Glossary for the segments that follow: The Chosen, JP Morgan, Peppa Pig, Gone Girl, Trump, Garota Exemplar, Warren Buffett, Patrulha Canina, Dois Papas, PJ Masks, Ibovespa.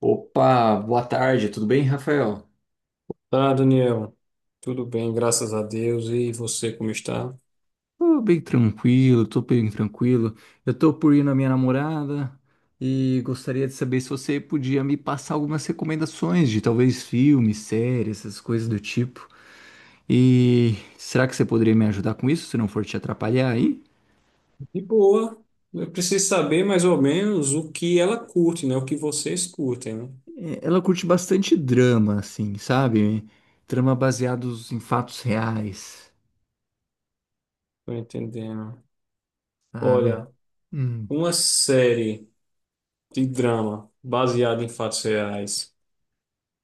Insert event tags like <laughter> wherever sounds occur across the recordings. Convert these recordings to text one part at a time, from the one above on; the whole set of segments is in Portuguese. Opa, boa tarde, tudo bem, Rafael? Tá, Daniel. Tudo bem, graças a Deus. E você, como está? Tô bem tranquilo, tô bem tranquilo. Eu tô por ir na minha namorada e gostaria de saber se você podia me passar algumas recomendações de talvez filmes, séries, essas coisas do tipo. E será que você poderia me ajudar com isso, se não for te atrapalhar aí? De boa. Eu preciso saber mais ou menos o que ela curte, né? O que vocês curtem, né? É, ela curte bastante drama, assim, sabe? Drama baseados em fatos reais, Tô entendendo. sabe? Olha, Hum, uma série de drama baseada em fatos reais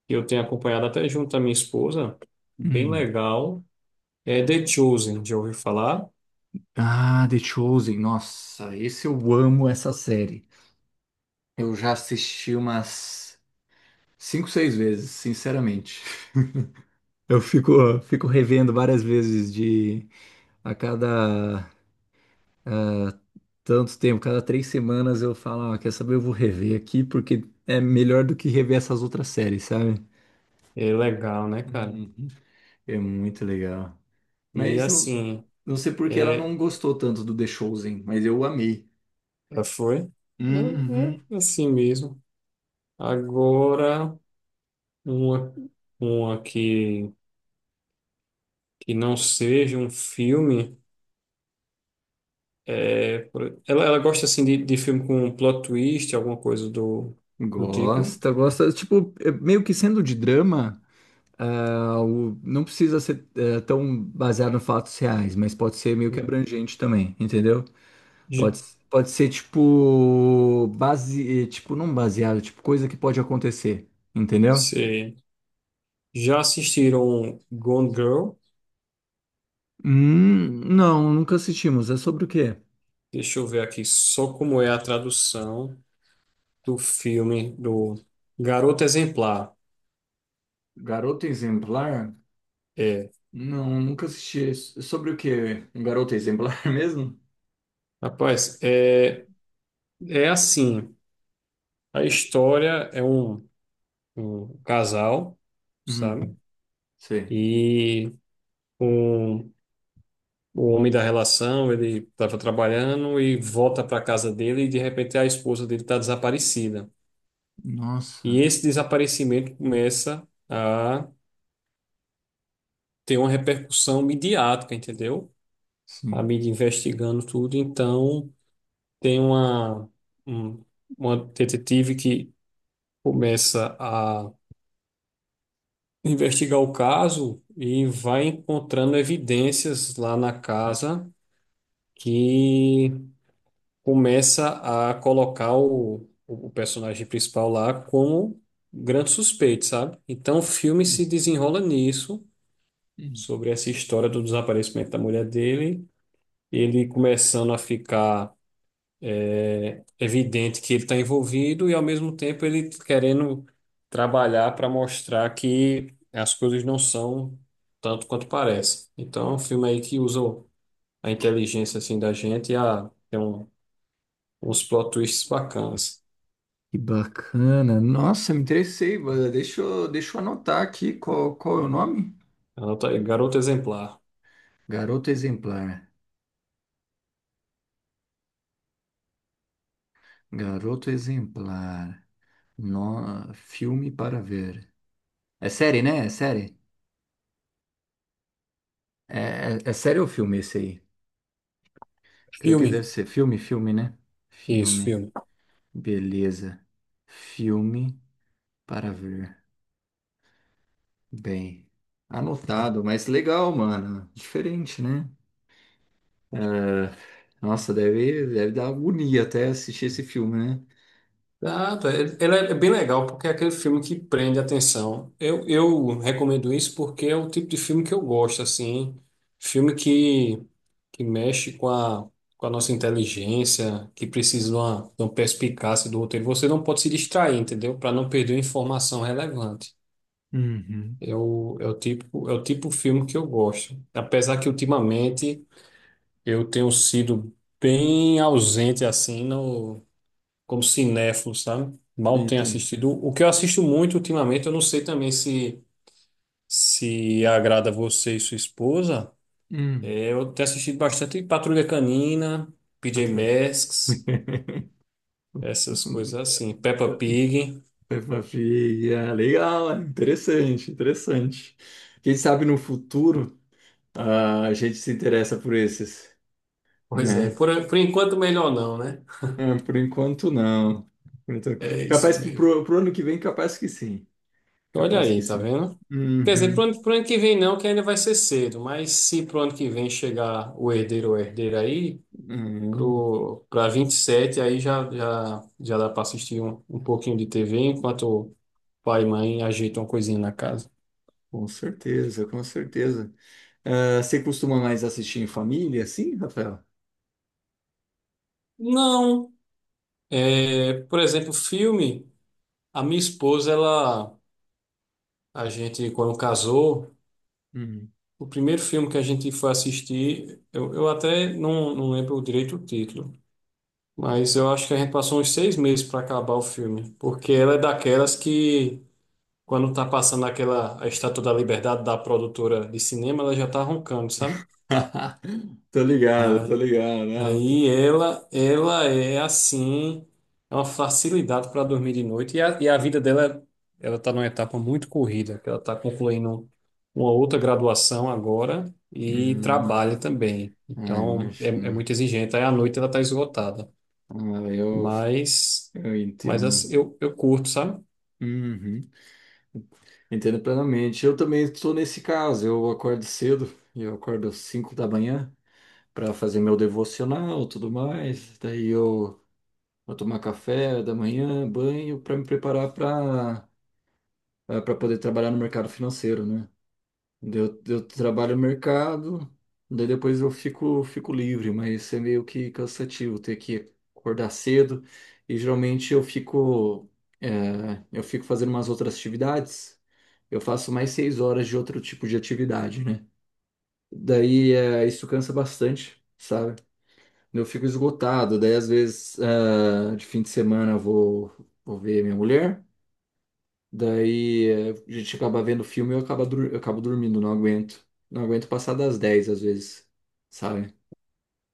que eu tenho acompanhado até junto à minha esposa, bem hum. legal. É The Chosen, já ouviu falar? Ah, The Chosen. Nossa, esse eu amo essa série. Eu já assisti umas cinco, seis vezes, sinceramente. <laughs> Eu fico, fico revendo várias vezes de a cada tanto tempo, cada três semanas eu falo, ah, quer saber, eu vou rever aqui porque é melhor do que rever essas outras séries, sabe? É legal, né, cara? Uhum. É muito legal. E Mas não, assim, não sei por que ela é, não gostou tanto do The Chosen, mas eu amei. é, foi? Uhum. É assim mesmo. Agora. Uma, uma que não seja um filme. É, ela gosta assim de filme com um plot twist, alguma coisa do tipo. Gosta, gosta. Tipo, é meio que sendo de drama, ah, não precisa ser tão baseado em fatos reais, mas pode ser meio que abrangente também, entendeu? J- Pode, pode ser tipo, base, tipo, não baseado, tipo, coisa que pode acontecer, entendeu? Cê já assistiram Gone Girl? Não, nunca assistimos. É sobre o quê? Deixa eu ver aqui só como é a tradução do filme do Garota Exemplar. Garota Exemplar? É, Não, nunca assisti. É sobre o quê? Um garoto exemplar <laughs> mesmo? rapaz, é assim. A história é um casal, Hum, sabe? sei. E um o homem da relação, ele estava trabalhando e volta para casa dele e de repente a esposa dele está desaparecida. E Nossa, esse desaparecimento começa a ter uma repercussão midiática, entendeu? A sim. mídia investigando tudo, então tem um- uma detetive que começa a investigar o caso e vai encontrando evidências lá na casa que começa a colocar o personagem principal lá como grande suspeito, sabe? Então o filme se desenrola nisso, sobre essa história do desaparecimento da mulher dele, ele começando a ficar evidente que ele está envolvido e ao mesmo tempo ele querendo trabalhar para mostrar que as coisas não são tanto quanto parece. Então é um filme aí que usa a inteligência assim da gente uns plot twists bacanas. Que bacana. Nossa, me interessei. Bada. Deixa eu anotar aqui qual, qual é o nome? Anota aí, Garota Exemplar. Garoto Exemplar. Garoto Exemplar. No... Filme para ver. É série, né? É série? É, é série ou filme esse aí? Creio que Filme. deve ser filme, filme, né? Isso, Filme. filme. Beleza. Filme para ver. Bem, anotado, mas legal, mano. Diferente, né? É, nossa, deve dar agonia até assistir esse filme, né? Ah, tá. Ele é bem legal porque é aquele filme que prende a atenção. Eu recomendo isso porque é o tipo de filme que eu gosto, assim. Filme que mexe com a nossa inteligência, que precisa de uma perspicácia do roteiro. Você não pode se distrair, entendeu? Para não perder uma informação relevante. Uhum. É o tipo de filme que eu gosto. Apesar que ultimamente. Eu tenho sido bem ausente assim no como cinéfilo, sabe? Mal tenho Entendi. assistido. O que eu assisto muito ultimamente, eu não sei também se agrada a você e sua esposa. Hum, É, eu tenho assistido bastante Patrulha Canina, PJ patrulha. Masks, <laughs> essas coisas assim, Peppa Pig. Peppa Pig, ah, legal, ah, interessante, interessante. Quem sabe no futuro ah, a gente se interessa por esses, Pois é, né? por enquanto melhor não, né? Ah, por enquanto não. Por É isso capaz que mesmo. Pro ano que vem, capaz que sim. Olha Capaz que aí, tá sim. vendo? Quer dizer, pro Uhum. ano, pro ano que vem não, que ainda vai ser cedo, mas se pro ano que vem chegar o herdeiro ou herdeira aí, Uhum. pra 27 aí já dá para assistir um pouquinho de TV enquanto o pai e mãe ajeitam uma coisinha na casa. Com certeza, com certeza. Ah, você costuma mais assistir em família, sim, Rafael? Não, é, por exemplo, filme, a minha esposa, ela, a gente quando casou, o primeiro filme que a gente foi assistir, eu até não lembro direito o título, mas eu acho que a gente passou uns 6 meses para acabar o filme, porque ela é daquelas que quando tá passando aquela a Estátua da Liberdade da produtora de cinema, ela já tá roncando, sabe? <laughs> Tô ligado, tô ligado. Ah, Aí ela é assim, é uma facilidade para dormir de noite. E a vida dela, ela está numa etapa muito corrida, que ela está concluindo uma outra graduação agora e hum, trabalha também. ah, Então, é imagina. muito exigente. Aí à noite ela está esgotada. Ah, eu, Mas, eu mas entendo. assim, eu curto, sabe? Uhum. Entendo plenamente. Eu também estou nesse caso. Eu acordo cedo, eu acordo às 5 da manhã para fazer meu devocional, tudo mais. Daí eu vou tomar café da manhã, banho, para me preparar para para poder trabalhar no mercado financeiro, né? Daí eu trabalho no mercado, daí depois eu fico, fico livre, mas é meio que cansativo ter que acordar cedo. E geralmente eu fico, é, eu fico fazendo umas outras atividades. Eu faço mais seis horas de outro tipo de atividade, né? Daí é, isso cansa bastante, sabe? Eu fico esgotado. Daí às vezes, é, de fim de semana, vou ver minha mulher. Daí a gente acaba vendo filme e eu acabo, eu acabo dormindo, não aguento. Não aguento passar das 10 às vezes, sabe?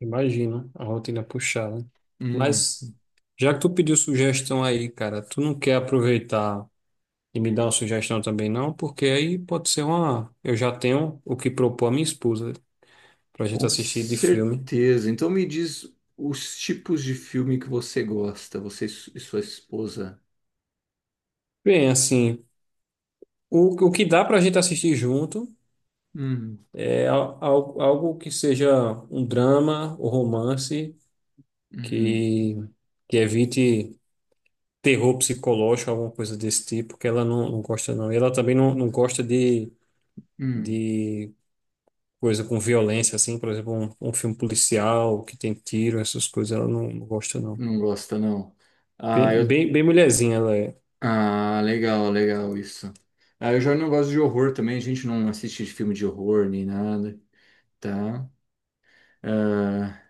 Imagino a rotina puxada. Hum, Mas, já que tu pediu sugestão aí, cara, tu não quer aproveitar. E me dá uma sugestão também, não, porque aí pode ser uma. Eu já tenho o que propor a minha esposa pra gente com assistir de filme. certeza. Então me diz os tipos de filme que você gosta, você e e sua esposa. Bem, assim, o que dá pra gente assistir junto Hum, é algo que seja um drama ou romance hum, que, que evite terror psicológico, alguma coisa desse tipo, que ela não gosta, não. E ela também não gosta de, hum, de coisa com violência, assim, por exemplo, um filme policial que tem tiro, essas coisas, ela não gosta, não. não gosta, não. Ah, Bem, eu... bem, bem mulherzinha ela é. Ah, legal, legal isso. Ah, eu já não gosto de horror também, a gente não assiste filme de horror nem nada, tá? Ah,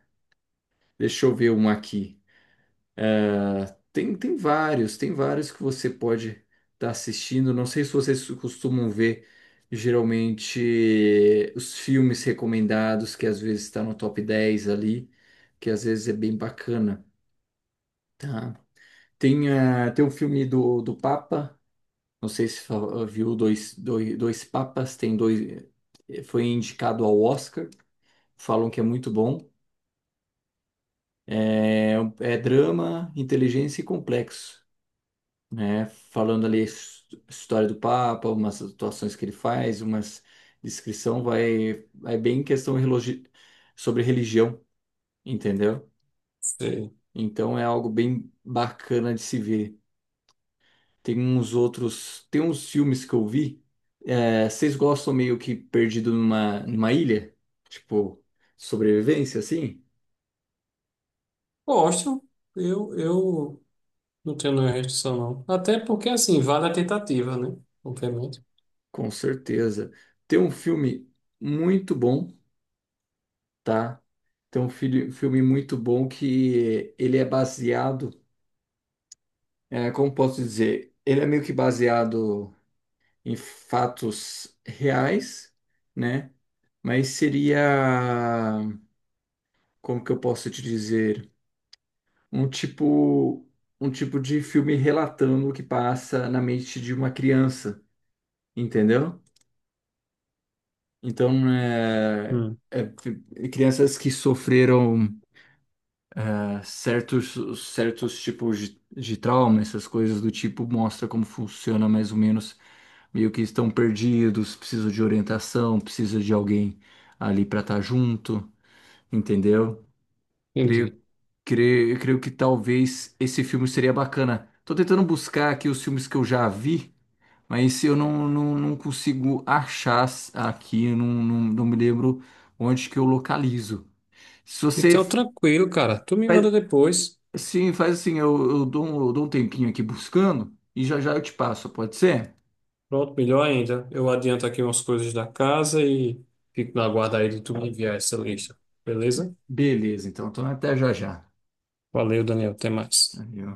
deixa eu ver um aqui. Tem vários que você pode estar assistindo. Não sei se vocês costumam ver geralmente os filmes recomendados, que às vezes está no top 10 ali, que às vezes é bem bacana, tá? Tem, ah, tem um filme do, do Papa, não sei se ah, viu dois, dois Papas, tem dois, foi indicado ao Oscar, falam que é muito bom. É, é drama, inteligência e complexo. Né? Falando ali a história do Papa, umas atuações que ele faz, umas descrição vai é bem questão sobre religião, entendeu? Sei. Então é algo bem bacana de se ver. Tem uns filmes que eu vi. É, vocês gostam meio que perdido numa ilha, tipo sobrevivência, assim? Gosto. Eu não tenho nenhuma restrição, não. Até porque, assim, vale a tentativa, né? Obviamente. Com certeza. Tem um filme muito bom, tá? Tem um filme muito bom que ele é baseado. É, como posso dizer, ele é meio que baseado em fatos reais, né? Mas seria, como que eu posso te dizer, um tipo, um tipo de filme relatando o que passa na mente de uma criança, entendeu? Então, Hum, é, crianças que sofreram certos tipos de trauma, essas coisas do tipo, mostra como funciona mais ou menos, meio que estão perdidos, precisa de orientação, precisa de alguém ali para estar junto, entendeu? Creio, entendi. Creio que talvez esse filme seria bacana. Tô tentando buscar aqui os filmes que eu já vi, mas eu não, não, não consigo achar aqui, eu não, não, não me lembro onde que eu localizo. Se você Então, tranquilo, cara. Tu me manda depois. sim, faz assim, eu dou um tempinho aqui buscando e já já eu te passo, pode ser? Pronto, melhor ainda. Eu adianto aqui umas coisas da casa e fico na guarda aí de tu me enviar essa lista. Beleza? Beleza, então, então até já já. Valeu, Daniel. Até mais. Valeu.